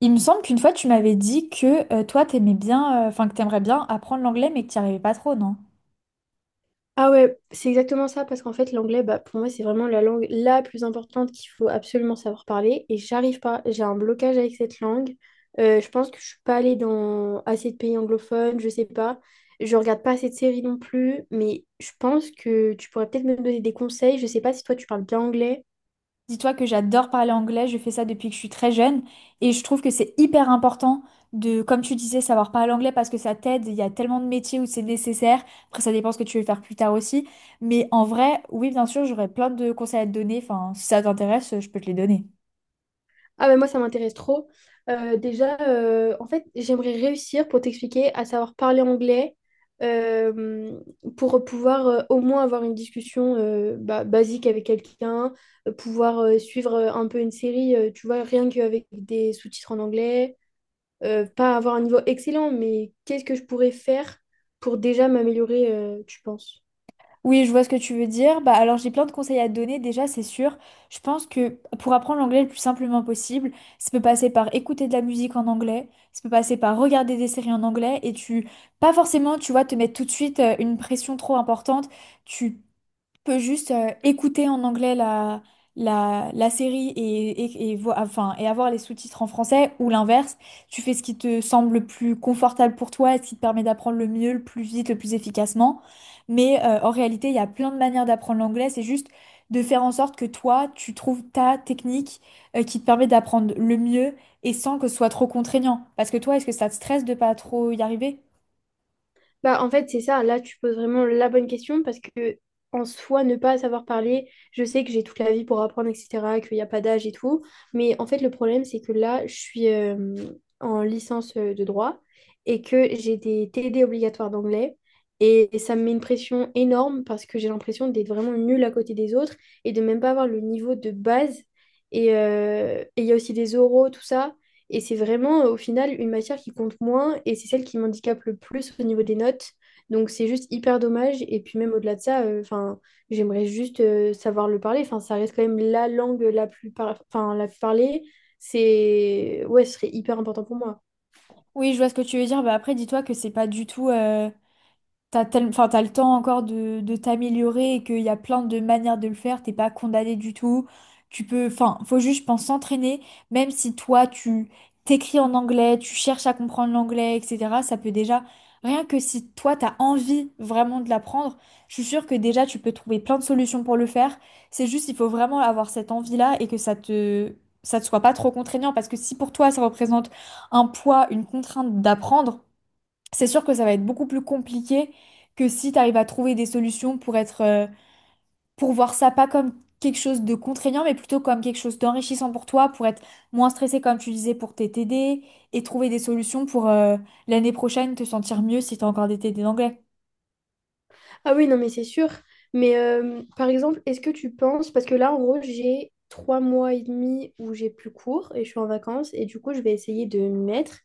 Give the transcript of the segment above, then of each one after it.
Il me semble qu'une fois tu m'avais dit que toi t'aimais bien, enfin que t'aimerais bien apprendre l'anglais mais que t'y arrivais pas trop, non? Ah ouais, c'est exactement ça, parce qu'en fait, l'anglais, bah, pour moi, c'est vraiment la langue la plus importante qu'il faut absolument savoir parler. Et j'arrive pas, j'ai un blocage avec cette langue. Je pense que je suis pas allée dans assez de pays anglophones, je sais pas. Je regarde pas assez de séries non plus, mais je pense que tu pourrais peut-être me donner des conseils. Je sais pas si toi, tu parles bien anglais. Dis-toi que j'adore parler anglais, je fais ça depuis que je suis très jeune et je trouve que c'est hyper important de, comme tu disais, savoir parler anglais parce que ça t'aide, il y a tellement de métiers où c'est nécessaire, après ça dépend ce que tu veux faire plus tard aussi, mais en vrai, oui bien sûr j'aurais plein de conseils à te donner, enfin si ça t'intéresse je peux te les donner. Ah ben moi, ça m'intéresse trop. En fait, j'aimerais réussir pour t'expliquer à savoir parler anglais euh, pour pouvoir au moins avoir une discussion bah, basique avec quelqu'un, pouvoir suivre un peu une série, tu vois, rien qu'avec des sous-titres en anglais, pas avoir un niveau excellent, mais qu'est-ce que je pourrais faire pour déjà m'améliorer, tu penses? Oui, je vois ce que tu veux dire. Bah, alors j'ai plein de conseils à te donner déjà, c'est sûr. Je pense que pour apprendre l'anglais le plus simplement possible, ça peut passer par écouter de la musique en anglais, ça peut passer par regarder des séries en anglais et tu, pas forcément, tu vois, te mettre tout de suite une pression trop importante. Tu peut juste écouter en anglais la série enfin, et avoir les sous-titres en français ou l'inverse. Tu fais ce qui te semble le plus confortable pour toi et ce qui te permet d'apprendre le mieux, le plus vite, le plus efficacement. En réalité, il y a plein de manières d'apprendre l'anglais. C'est juste de faire en sorte que toi, tu trouves ta technique qui te permet d'apprendre le mieux et sans que ce soit trop contraignant. Parce que toi, est-ce que ça te stresse de pas trop y arriver? Bah, en fait, c'est ça. Là, tu poses vraiment la bonne question parce que, en soi, ne pas savoir parler, je sais que j'ai toute la vie pour apprendre, etc., qu'il n'y a pas d'âge et tout. Mais en fait, le problème, c'est que là, je suis en licence de droit et que j'ai des TD obligatoires d'anglais. Et ça me met une pression énorme parce que j'ai l'impression d'être vraiment nulle à côté des autres et de même pas avoir le niveau de base. Et il y a aussi des oraux, tout ça. Et c'est vraiment, au final, une matière qui compte moins et c'est celle qui m'handicape le plus au niveau des notes. Donc c'est juste hyper dommage. Et puis même au-delà de ça, enfin, j'aimerais juste savoir le parler. Enfin, ça reste quand même la langue la plus, enfin, la plus parlée. C'est... Ouais, ce serait hyper important pour moi. Oui, je vois ce que tu veux dire. Bah après, dis-toi que c'est pas du tout. Enfin, t'as le temps encore de t'améliorer et qu'il y a plein de manières de le faire, t'es pas condamné du tout. Tu peux, enfin, faut juste, je pense, s'entraîner, même si toi, tu t'écris en anglais, tu cherches à comprendre l'anglais, etc. Ça peut déjà, rien que si toi, t'as envie vraiment de l'apprendre, je suis sûre que déjà, tu peux trouver plein de solutions pour le faire. C'est juste, il faut vraiment avoir cette envie-là et que ça te soit pas trop contraignant parce que si pour toi, ça représente un poids, une contrainte d'apprendre, c'est sûr que ça va être beaucoup plus compliqué que si tu arrives à trouver des solutions pour être, pour voir ça pas comme quelque chose de contraignant, mais plutôt comme quelque chose d'enrichissant pour toi, pour être moins stressé, comme tu disais, pour t'aider TD, et trouver des solutions pour l'année prochaine te sentir mieux si tu as encore des TD d'anglais. Ah oui, non, mais c'est sûr. Mais par exemple, est-ce que tu penses, parce que là, en gros, j'ai trois mois et demi où j'ai plus cours et je suis en vacances, et du coup, je vais essayer de m'y mettre.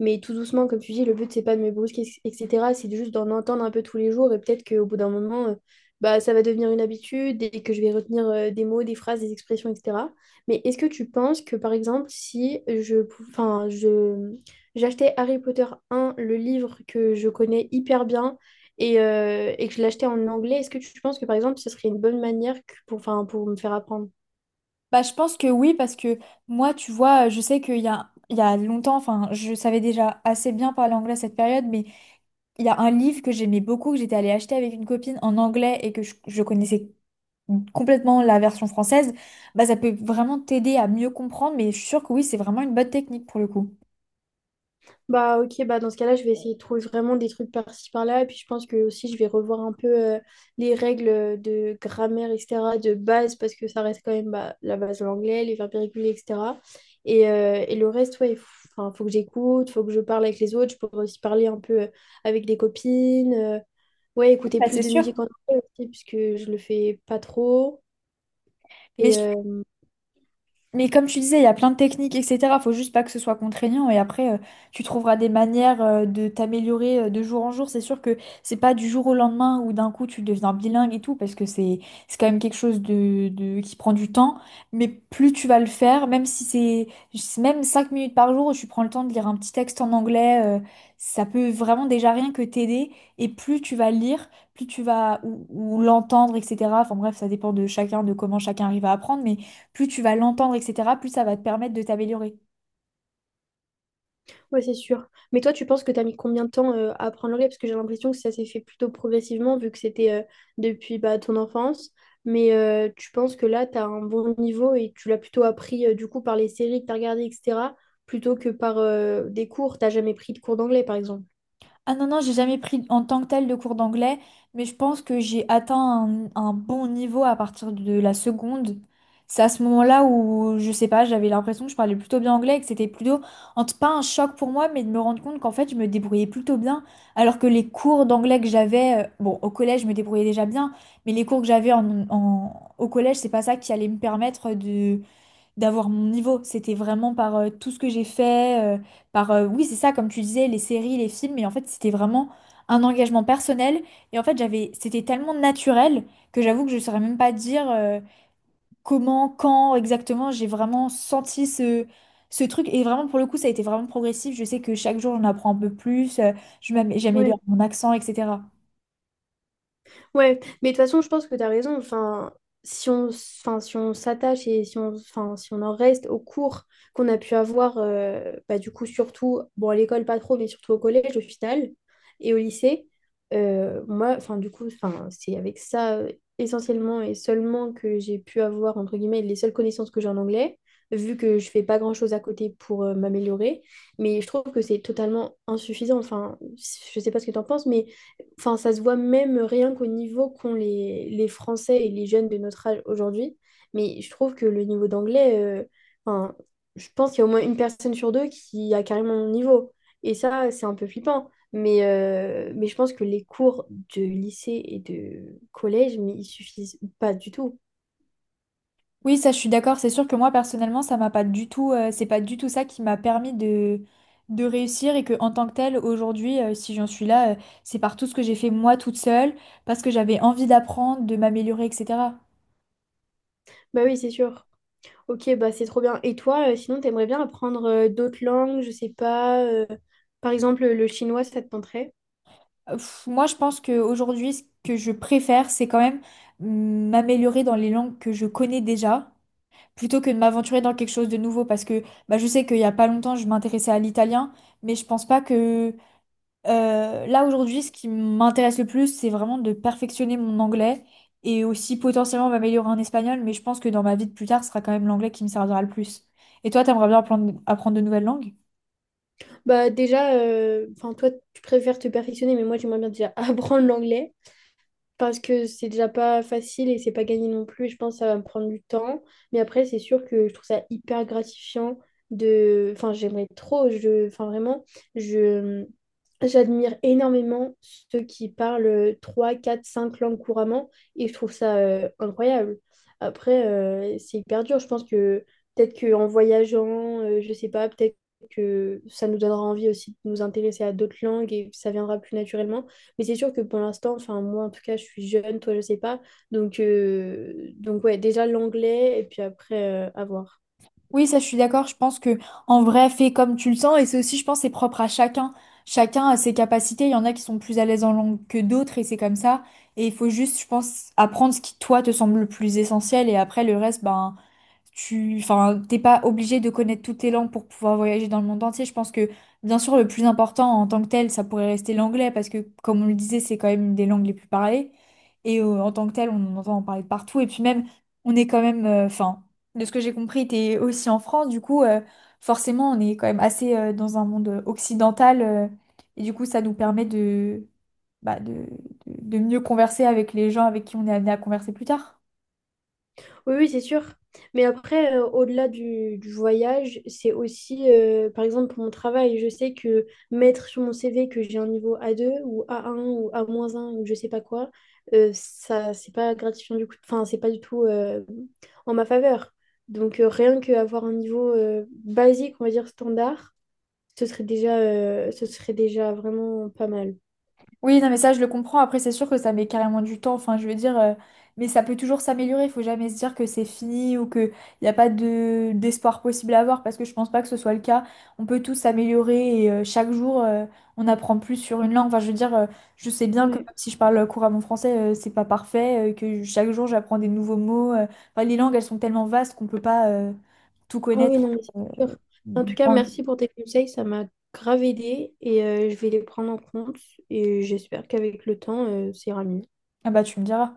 Mais tout doucement, comme tu dis, le but, c'est pas de me brusquer, etc. C'est juste d'en entendre un peu tous les jours, et peut-être qu'au bout d'un moment, bah, ça va devenir une habitude et que je vais retenir des mots, des phrases, des expressions, etc. Mais est-ce que tu penses que, par exemple, si je, pou- enfin, je, j'achetais Harry Potter un le livre que je connais hyper bien, et que je l'achetais en anglais, est-ce que tu penses que par exemple, ce serait une bonne manière pour, enfin, pour me faire apprendre? Bah, je pense que oui, parce que moi, tu vois, je sais il y a longtemps, enfin, je savais déjà assez bien parler anglais à cette période, mais il y a un livre que j'aimais beaucoup, que j'étais allée acheter avec une copine en anglais et que je connaissais complètement la version française, bah, ça peut vraiment t'aider à mieux comprendre, mais je suis sûre que oui, c'est vraiment une bonne technique pour le coup. Bah ok, bah dans ce cas-là, je vais essayer de trouver vraiment des trucs par-ci par-là. Et puis je pense que aussi, je vais revoir un peu les règles de grammaire, etc., de base, parce que ça reste quand même bah, la base de l'anglais, les verbes irréguliers, etc. Et le reste, ouais, il faut, enfin, faut que j'écoute, faut que je parle avec les autres. Je pourrais aussi parler un peu avec des copines. Ouais, écouter Bah, plus c'est de sûr. musique en anglais aussi, puisque je le fais pas trop. Et, Mais euh, Mais comme tu disais, il y a plein de techniques, etc. Faut juste pas que ce soit contraignant et après, tu trouveras des manières de t'améliorer de jour en jour. C'est sûr que c'est pas du jour au lendemain où d'un coup tu deviens bilingue et tout, parce que c'est quand même quelque chose qui prend du temps. Mais plus tu vas le faire, même si c'est même 5 minutes par jour où tu prends le temps de lire un petit texte en anglais, ça peut vraiment déjà rien que t'aider. Et plus tu vas lire, plus tu vas ou l'entendre, etc. Enfin bref, ça dépend de chacun, de comment chacun arrive à apprendre. Mais plus tu vas l'entendre, etc., plus ça va te permettre de t'améliorer. Ouais, c'est sûr. Mais toi, tu penses que tu as mis combien de temps à apprendre l'anglais? Parce que j'ai l'impression que ça s'est fait plutôt progressivement, vu que c'était depuis bah, ton enfance. Mais tu penses que là, tu as un bon niveau et tu l'as plutôt appris du coup par les séries que tu as regardées, etc., plutôt que par des cours. T'as jamais pris de cours d'anglais, par exemple. Ah non, non, j'ai jamais pris en tant que tel de cours d'anglais, mais je pense que j'ai atteint un bon niveau à partir de la seconde. C'est à ce moment-là où, je sais pas, j'avais l'impression que je parlais plutôt bien anglais et que c'était plutôt, pas un choc pour moi, mais de me rendre compte qu'en fait, je me débrouillais plutôt bien. Alors que les cours d'anglais que j'avais, bon, au collège, je me débrouillais déjà bien, mais les cours que j'avais au collège, c'est pas ça qui allait me permettre de d'avoir mon niveau. C'était vraiment par tout ce que j'ai fait, par oui, c'est ça, comme tu disais, les séries, les films, mais en fait, c'était vraiment un engagement personnel. Et en fait, c'était tellement naturel que j'avoue que je ne saurais même pas dire comment, quand exactement j'ai vraiment senti Ce truc, et vraiment pour le coup, ça a été vraiment progressif. Je sais que chaque jour, j'en apprends un peu plus, Ouais. j'améliore mon accent, etc. Ouais, mais de toute façon, je pense que tu as raison. Enfin, si on, s- enfin, si on s'attache et si on, enfin, si on en reste aux cours qu'on a pu avoir, bah, du coup, surtout, bon, à l'école, pas trop, mais surtout au collège, au final, et au lycée, moi, enfin, du coup, enfin, c'est avec ça essentiellement et seulement que j'ai pu avoir, entre guillemets, les seules connaissances que j'ai en anglais, vu que je fais pas grand-chose à côté pour m'améliorer. Mais je trouve que c'est totalement insuffisant. Enfin, je sais pas ce que tu en penses, mais. Enfin, ça se voit même rien qu'au niveau qu'ont les Français et les jeunes de notre âge aujourd'hui. Mais je trouve que le niveau d'anglais, enfin, je pense qu'il y a au moins une personne sur deux qui a carrément mon niveau. Et ça, c'est un peu flippant. Mais je pense que les cours de lycée et de collège, mais ils suffisent pas du tout. Oui, ça, je suis d'accord. C'est sûr que moi, personnellement, ça m'a pas du tout, c'est pas du tout ça qui m'a permis de réussir et que, en tant que telle, aujourd'hui, si j'en suis là, c'est par tout ce que j'ai fait moi toute seule, parce que j'avais envie d'apprendre, de m'améliorer, etc. Bah oui, c'est sûr. Ok, bah c'est trop bien. Et toi, sinon, t'aimerais bien apprendre d'autres langues, je sais pas. Par exemple, le chinois, ça te tenterait? Moi, je pense qu'aujourd'hui, ce que je préfère, c'est quand même m'améliorer dans les langues que je connais déjà, plutôt que de m'aventurer dans quelque chose de nouveau, parce que bah, je sais qu'il y a pas longtemps, je m'intéressais à l'italien, mais je pense pas que là aujourd'hui, ce qui m'intéresse le plus, c'est vraiment de perfectionner mon anglais et aussi potentiellement m'améliorer en espagnol, mais je pense que dans ma vie de plus tard, ce sera quand même l'anglais qui me servira le plus. Et toi, t'aimerais bien apprendre de nouvelles langues? Bah déjà, enfin toi, tu préfères te perfectionner, mais moi, j'aimerais bien déjà apprendre l'anglais. Parce que c'est déjà pas facile et c'est pas gagné non plus. Je pense que ça va me prendre du temps. Mais après, c'est sûr que je trouve ça hyper gratifiant de. Enfin, j'aimerais trop. Je... Enfin, vraiment, je. J'admire énormément ceux qui parlent 3 4 5 langues couramment et je trouve ça incroyable. Après, c'est hyper dur. Je pense que peut-être qu'en voyageant, je sais pas, peut-être que ça nous donnera envie aussi de nous intéresser à d'autres langues et ça viendra plus naturellement. Mais c'est sûr que pour l'instant, enfin moi en tout cas, je suis jeune, toi je sais pas. Donc ouais, déjà l'anglais et puis après, à voir. Oui, ça, je suis d'accord. Je pense que en vrai, fais comme tu le sens, et c'est aussi, je pense, c'est propre à chacun. Chacun a ses capacités. Il y en a qui sont plus à l'aise en langue que d'autres, et c'est comme ça. Et il faut juste, je pense, apprendre ce qui toi te semble le plus essentiel, et après le reste, ben tu, enfin, t'es pas obligé de connaître toutes les langues pour pouvoir voyager dans le monde entier. Je pense que, bien sûr, le plus important en tant que tel, ça pourrait rester l'anglais, parce que, comme on le disait, c'est quand même une des langues les plus parlées. Et en tant que tel, on en entend en parler de partout. Et puis même, on est quand même, enfin, de ce que j'ai compris, t'es aussi en France, du coup, forcément, on est quand même assez dans un monde occidental. Et du coup, ça nous permet bah, de, de mieux converser avec les gens avec qui on est amené à converser plus tard. Oui, oui, c'est sûr. Mais après, au-delà du voyage, c'est aussi, par exemple, pour mon travail, je sais que mettre sur mon CV que j'ai un niveau A2 ou A1 ou A-1 ou je sais pas quoi, ça, c'est pas gratifiant du coup. Enfin, c'est pas du tout en ma faveur. Donc, rien qu'avoir un niveau basique, on va dire standard, ce serait déjà vraiment pas mal. Oui, non, mais ça, je le comprends. Après, c'est sûr que ça met carrément du temps. Enfin, je veux dire, mais ça peut toujours s'améliorer. Il faut jamais se dire que c'est fini ou qu'il n'y a pas de d'espoir possible à avoir parce que je pense pas que ce soit le cas. On peut tous s'améliorer et chaque jour, on apprend plus sur une langue. Enfin, je veux dire, je sais bien que Ouais. même si je parle couramment français, c'est pas parfait, que chaque jour, j'apprends des nouveaux mots. Enfin, les langues, elles sont tellement vastes qu'on peut pas tout Ah oui, connaître. non, mais euh, c'est sûr. En tout cas, en- merci pour tes conseils, ça m'a grave aidé et je vais les prendre en compte et j'espère qu'avec le temps, ça ira mieux. Ah bah, tu me diras.